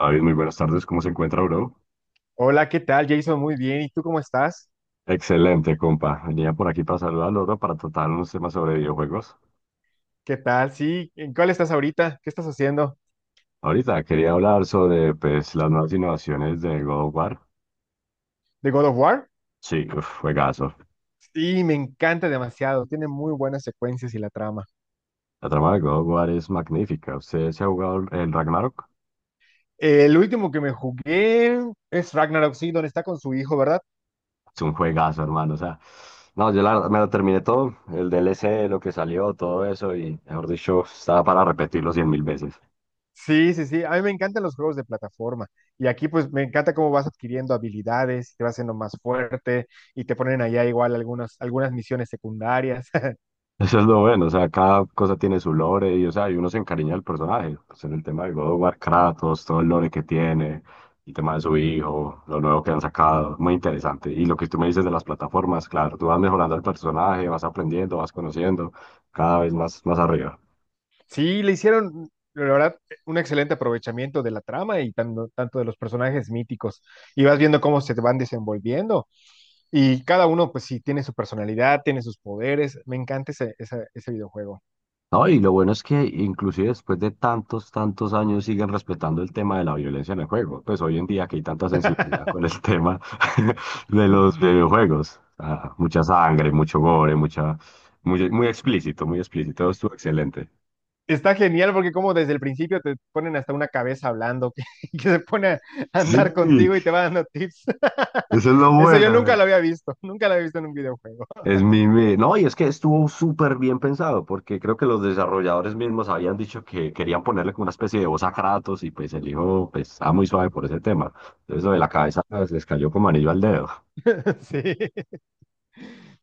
David, muy buenas tardes, ¿cómo se encuentra, bro? Hola, ¿qué tal, Jason? Muy bien. ¿Y tú cómo estás? Excelente, compa. Venía por aquí para saludarlo al para tratar unos temas sobre videojuegos. ¿Qué tal? Sí, ¿en cuál estás ahorita? ¿Qué estás haciendo? Ahorita quería hablar sobre pues, las nuevas innovaciones de God of War. ¿De God of War? Sí, uf, juegazo. Sí, me encanta demasiado. Tiene muy buenas secuencias y la trama. La trama de God of War es magnífica. ¿Usted se ha jugado el Ragnarok? El último que me jugué es Ragnarok, sí, donde está con su hijo, ¿verdad? Es un juegazo, hermano. O sea, no, yo la verdad me lo terminé todo, el DLC, lo que salió, todo eso, y mejor dicho, estaba para repetirlo cien mil veces. Sí, sí, sí. A mí me encantan los juegos de plataforma. Y aquí, pues, me encanta cómo vas adquiriendo habilidades, te vas haciendo más fuerte y te ponen allá igual algunas misiones secundarias. Eso es lo bueno, o sea, cada cosa tiene su lore y, o sea, y uno se encariña del personaje. Pues en el tema de God of War, Kratos, todo el lore que tiene, el tema de su hijo, lo nuevo que han sacado, muy interesante. Y lo que tú me dices de las plataformas, claro, tú vas mejorando el personaje, vas aprendiendo, vas conociendo, cada vez más, más arriba. Sí, le hicieron, la verdad, un excelente aprovechamiento de la trama y tanto de los personajes míticos. Y vas viendo cómo se te van desenvolviendo. Y cada uno, pues sí, tiene su personalidad, tiene sus poderes. Me encanta ese videojuego. No, y lo bueno es que inclusive después de tantos años siguen respetando el tema de la violencia en el juego. Pues hoy en día que hay tanta sensibilidad con el tema de los Ujú. videojuegos. Ah, mucha sangre, mucho gore, mucha, muy explícito, muy explícito. Estuvo excelente. Está genial porque como desde el principio te ponen hasta una cabeza hablando que, que se pone a Sí, andar contigo y te va dando tips. eso es lo Eso yo nunca bueno. lo había visto, nunca lo había visto en un videojuego. No, y es que estuvo súper bien pensado, porque creo que los desarrolladores mismos habían dicho que querían ponerle como una especie de voz a Kratos, y pues el hijo pues, estaba muy suave por ese tema. Entonces, lo de la cabeza pues, les cayó como anillo al dedo. Sí,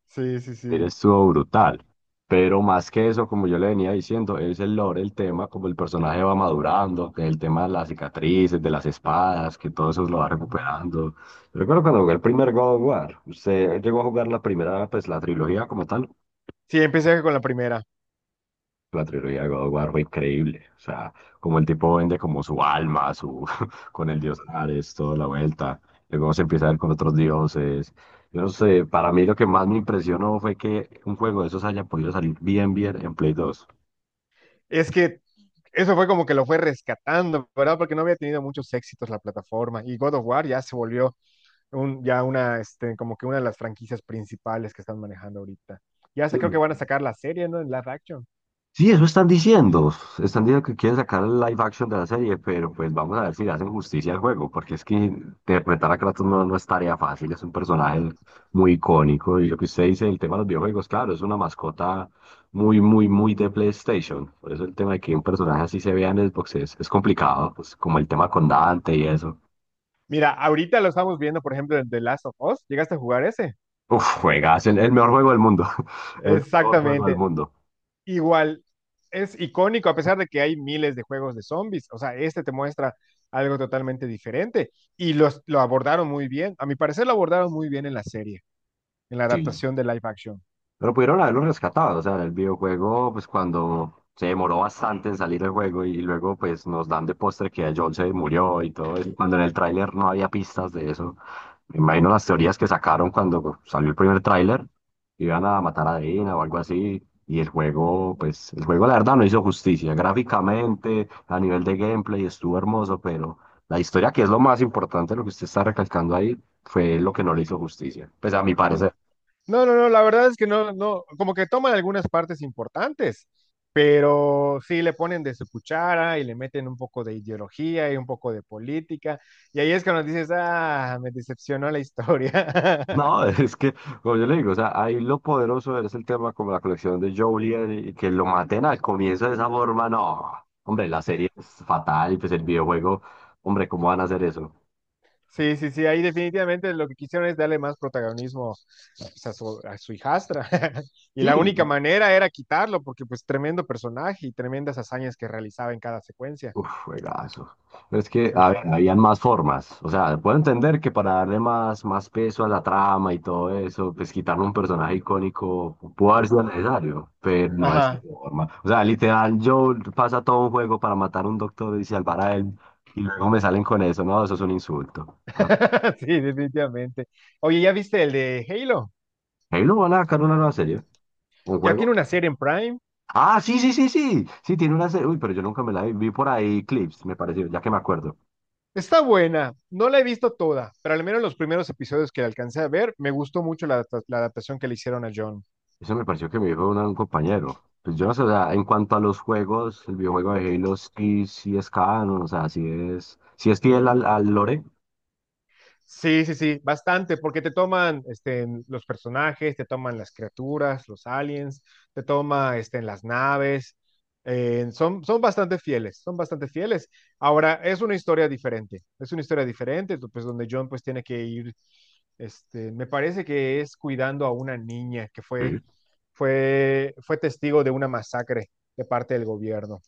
sí, sí, Mire, sí. estuvo brutal. Pero más que eso, como yo le venía diciendo, es el lore, el tema, como el personaje va madurando, que el tema de las cicatrices, de las espadas, que todo eso lo va Ujú. recuperando. Yo recuerdo cuando jugué el primer God of War, ¿usted llegó a jugar la primera, pues la trilogía como tal? Sí, empecé con la primera. La trilogía de God of War fue increíble. O sea, como el tipo vende como su alma, su con el dios Ares, toda la vuelta. Luego se empieza a ver con otros dioses. Yo no sé, para mí lo que más me impresionó fue que un juego de esos haya podido salir bien, bien en Play dos. Es que eso fue como que lo fue rescatando, ¿verdad? Porque no había tenido muchos éxitos la plataforma y God of War ya se volvió un, ya una, este, como que una de las franquicias principales que están manejando ahorita. Y Sí. hasta creo que van a sacar la serie, ¿no? En live action. Sí, eso están diciendo. Están diciendo que quieren sacar el live action de la serie, pero pues vamos a ver si le hacen justicia al juego, porque es que interpretar a Kratos no, no es tarea fácil, es un personaje muy icónico. Y lo que usted dice, el tema de los videojuegos, claro, es una mascota muy de PlayStation. Por eso el tema de que un personaje así se vea en Xbox es complicado, pues como el tema con Dante y eso. Mira, ahorita lo estamos viendo, por ejemplo, en The Last of Us. ¿Llegaste a jugar ese? Uf, juegas, el mejor juego del mundo. El mejor juego del Exactamente. mundo. Igual, es icónico, a pesar de que hay miles de juegos de zombies. O sea, este te muestra algo totalmente diferente. Lo abordaron muy bien. A mi parecer lo abordaron muy bien en la serie, en la Sí. adaptación de live action. Pero pudieron haberlo rescatado, o sea, el videojuego, pues cuando se demoró bastante en salir el juego y luego pues nos dan de postre que John se murió y todo eso, cuando en el tráiler no había pistas de eso. Me imagino las teorías que sacaron cuando salió el primer tráiler, iban a matar a Dina o algo así, y el juego, pues el juego la verdad no hizo justicia, gráficamente, a nivel de gameplay estuvo hermoso, pero la historia, que es lo más importante, lo que usted está recalcando ahí, fue lo que no le hizo justicia, pues a mi Mm, parecer. no, no, no, la verdad es que no, no, como que toman algunas partes importantes, pero sí le ponen de su cuchara y le meten un poco de ideología y un poco de política, y ahí es cuando dices, ah, me decepcionó la historia. No, es que, como yo le digo, o sea, ahí lo poderoso es el tema como la colección de Jolie y que lo maten al comienzo de esa forma, no. Hombre, la serie es fatal y pues el videojuego, hombre, ¿cómo van a hacer eso? Sí, sí, sí, ahí definitivamente lo que quisieron es darle más protagonismo pues, a su hijastra, y la única Sí, manera era quitarlo, porque pues tremendo personaje y tremendas hazañas que realizaba en cada secuencia. uf, juegazo. Pero es que, Sí, a ver, sí. habían más formas. O sea, puedo entender que para darle más, más peso a la trama y todo eso, pues quitarle un personaje icónico pudo haber sido necesario, pero no de esta Ajá. forma. O sea, literal, yo pasa todo un juego para matar a un doctor y salvar a él, y luego me salen con eso, ¿no? Eso es un insulto. Ah, Sí, definitivamente. Oye, ¿ya viste el de Halo? ahí lo van a sacar una nueva serie, un Ya tiene juego. una serie en Prime. Ah, sí, sí, sí, sí. Sí, tiene una serie. Uy, pero yo nunca me la vi. Vi por ahí clips, me pareció, ya que me acuerdo. Está buena, no la he visto toda, pero al menos los primeros episodios que alcancé a ver, me gustó mucho la adaptación que le hicieron a John. Eso me pareció que me dijo un compañero. Pues yo no sé, o sea, en cuanto a los juegos, el videojuego de Halo sí, sí es canon, o sea, sí es fiel al, al lore. Sí, sí, sí, bastante, porque te toman este, los personajes, te toman las criaturas, los aliens, te toma este, las naves. Eh, son bastante fieles, son bastante fieles. Ahora, es una historia diferente, es una historia diferente, tú, pues donde John pues tiene que ir, este, me parece que es cuidando a una niña que fue, Sí. Fue testigo de una masacre de parte del gobierno.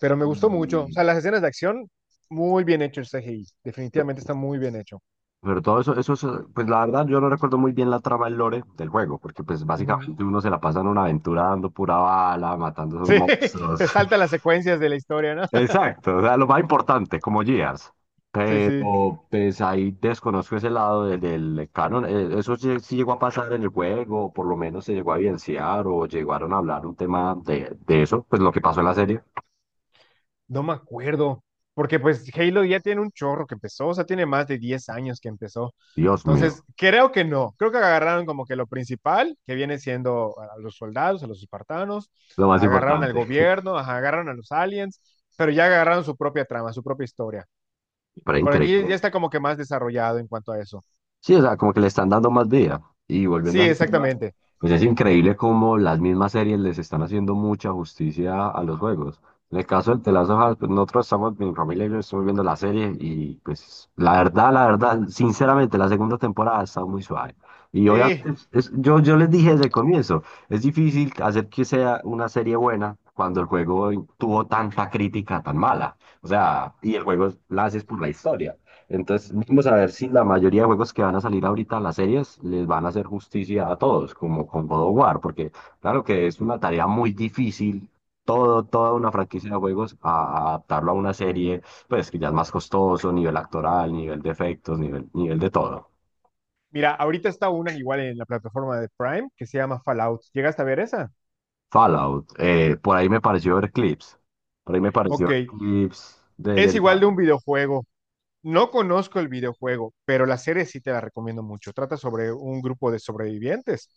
Pero me gustó mucho, o Y- sea, las escenas de acción, muy bien hecho el CGI, pe- definitivamente está muy bien hecho. pero todo eso, eso, es, pues la verdad yo no recuerdo muy bien la trama del lore del juego, porque pues Ujú. básicamente uno se la pasa en una aventura dando pura bala, matando a esos Sí, monstruos. te salta las secuencias de la historia, ¿no? Exacto, o sea, lo más importante, como Gears. Sí, sí. Pero pues ahí desconozco ese lado del canon. Eso sí, sí llegó a pasar en el juego, o por lo menos se llegó a evidenciar o llegaron a hablar un tema de eso, pues lo que pasó en la serie. No me acuerdo. Porque pues Halo ya tiene un chorro que empezó, o sea, tiene más de 10 años que empezó. Dios mío, Entonces, creo que no. Creo que agarraron como que lo principal, que viene siendo a los soldados, a los espartanos, lo más agarraron al importante. gobierno, ajá, agarraron a los aliens, pero ya agarraron su propia trama, su propia historia. Pero Por aquí increíble. ya está como que más desarrollado en cuanto a eso. Sí, o sea, como que le están dando más vida. Y volviendo Sí, al tema, exactamente. pues es increíble cómo las mismas series les están haciendo mucha justicia a los juegos. En el caso del The Last of Us, pues nosotros estamos, mi familia y yo estamos viendo la serie y pues la verdad, sinceramente, la segunda temporada ha estado muy suave. Y obviamente, Sí. Yo les dije desde el comienzo, es difícil hacer que sea una serie buena cuando el juego tuvo tanta crítica tan mala. O sea, y el juego la haces por la historia. Entonces, vamos a ver si la mayoría de juegos que van a salir ahorita a las series les van a hacer justicia a todos, como con God of War, porque claro que es una tarea muy difícil, todo, toda una franquicia de juegos, a adaptarlo a una serie, pues que ya es más costoso, nivel actoral, nivel de efectos, nivel, nivel de todo. Mira, ahorita está una igual en la plataforma de Prime que se llama Fallout. ¿Llegaste a ver esa? Fallout, por ahí me pareció ver clips, por ahí me pareció Ok, ver clips de, es del igual de un Fallout. videojuego. No conozco el videojuego, pero la serie sí te la recomiendo mucho. Trata sobre un grupo de sobrevivientes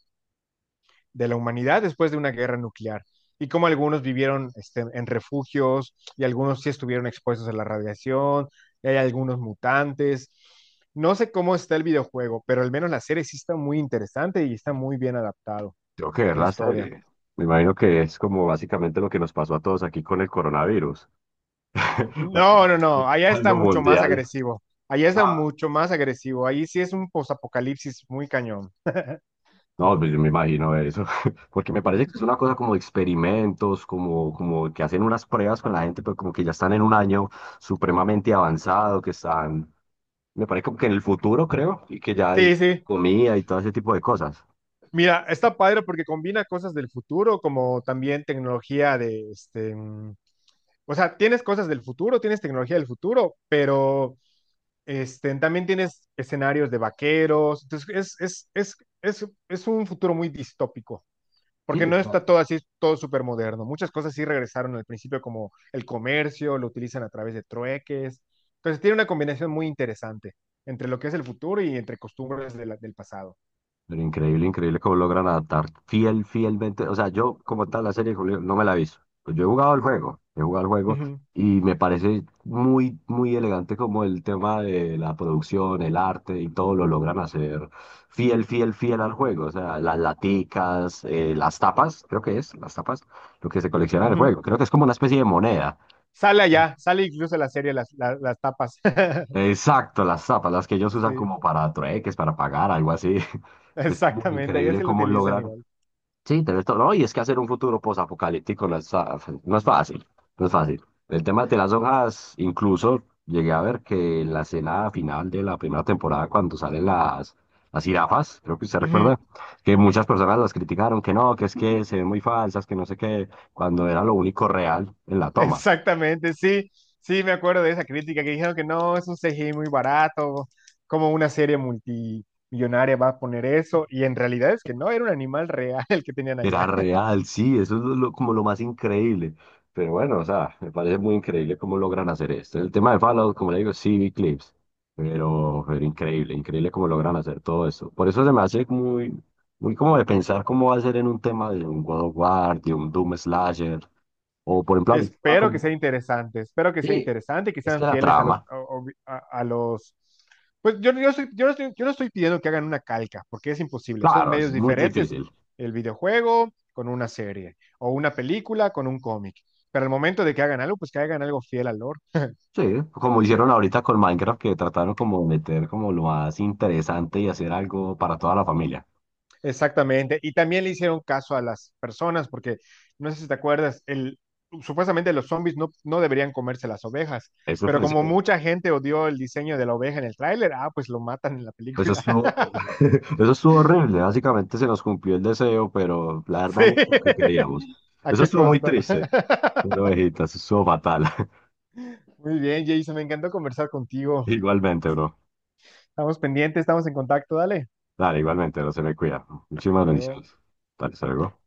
de la humanidad después de una guerra nuclear y cómo algunos vivieron este, en refugios y algunos sí estuvieron expuestos a la radiación, y hay algunos mutantes. No sé cómo está el videojuego, pero al menos la serie sí está muy interesante y está muy bien adaptado Tengo que ver la la historia. serie. Me imagino que es como básicamente lo que nos pasó a todos aquí con el coronavirus. No, no, no. Básicamente, Allá está algo mucho más mundial. agresivo. Allá está Ah, mucho más agresivo. Ahí sí es un posapocalipsis muy cañón. no, pues yo me imagino eso. Porque me parece que es una cosa como de experimentos, como, como que hacen unas pruebas con la gente, pero como que ya están en un año supremamente avanzado, que están, me parece como que en el futuro, creo, y que ya hay Sí, sí. comida y todo ese tipo de cosas. Mira, está padre porque combina cosas del futuro como también tecnología de este. O sea, tienes cosas del futuro, tienes tecnología del futuro, pero este, también tienes escenarios de vaqueros. Entonces, es, es, es, es un futuro muy distópico. Sí, Porque o no sea, está todo así, todo súper moderno. Muchas cosas sí regresaron al principio, como el comercio, lo utilizan a través de trueques. Entonces tiene una combinación muy interesante entre lo que es el futuro y entre costumbres de del pasado. pero increíble, increíble cómo logran adaptar fiel, fielmente. O sea, yo como tal la serie de Julio no me la he visto. Pues yo he jugado el juego, he jugado el juego Ujú, y me parece muy, muy elegante como el tema de la producción, el arte y todo lo logran hacer fiel, fiel, fiel al juego. O sea, las laticas, las tapas, creo que es, las tapas, lo que se colecciona en el ujú. juego. Creo que es como una especie de moneda. Sale allá, sale incluso la serie, las tapas. Exacto, las tapas, las que ellos usan Sí, como para trueques, para pagar, algo así. Es muy exactamente, allá increíble sí lo cómo utilizan logran. igual. Sí, tenés todo. No, y es que hacer un futuro posapocalíptico no es, no es fácil, no es fácil. El tema de las hojas, incluso llegué a ver que en la escena final de la primera temporada, cuando salen las jirafas, creo que usted Ujú. recuerda, que muchas personas las criticaron, que no, que es que se ven muy falsas, que no sé qué, cuando era lo único real en la toma. Exactamente, sí, sí, me acuerdo de esa crítica que dijeron que no, es un CGI muy barato, como una serie multimillonaria va a poner eso, y en realidad es que no, era un animal real el que tenían Era allá. real, sí, eso es como lo más increíble. Pero bueno, o sea, me parece muy increíble cómo logran hacer esto. El tema de Fallout, como le digo, sí vi clips, pero increíble, increíble cómo logran hacer todo eso. Por eso se me hace muy, muy como de pensar cómo va a ser en un tema de un God of War, de un Doom Slasher, o por ejemplo, ahorita Espero que sea como... interesante, espero que sea Sí, interesante y que es que sean la fieles a trama, a los, yo no estoy pidiendo que hagan una calca, porque es imposible, son claro, es medios muy diferentes, difícil. el videojuego con una serie, o una película con un cómic, pero al momento de que hagan algo, pues que hagan algo fiel al. Sí, como hicieron ahorita con Minecraft, que trataron como de meter como lo más interesante y hacer algo para toda la familia. Exactamente. Y también le hicieron caso a las personas, porque no sé si te acuerdas, el, supuestamente los zombies no, no deberían comerse las ovejas, Eso pero fue, como mucha gente odió el diseño de la oveja en el tráiler, ah, pues lo matan en la eso película. estuvo, eso estuvo horrible. Básicamente se nos cumplió el deseo, pero la verdad Sí, no es lo que queríamos. ¿a Eso qué estuvo muy costo? triste. Una ovejita, eso estuvo fatal. Muy bien, Jason, me encantó conversar contigo. Igualmente, bro. Estamos pendientes, estamos en contacto, dale. Dale, igualmente, bro. Se me cuida. Muchísimas Hasta luego. bendiciones. Dale, hasta luego.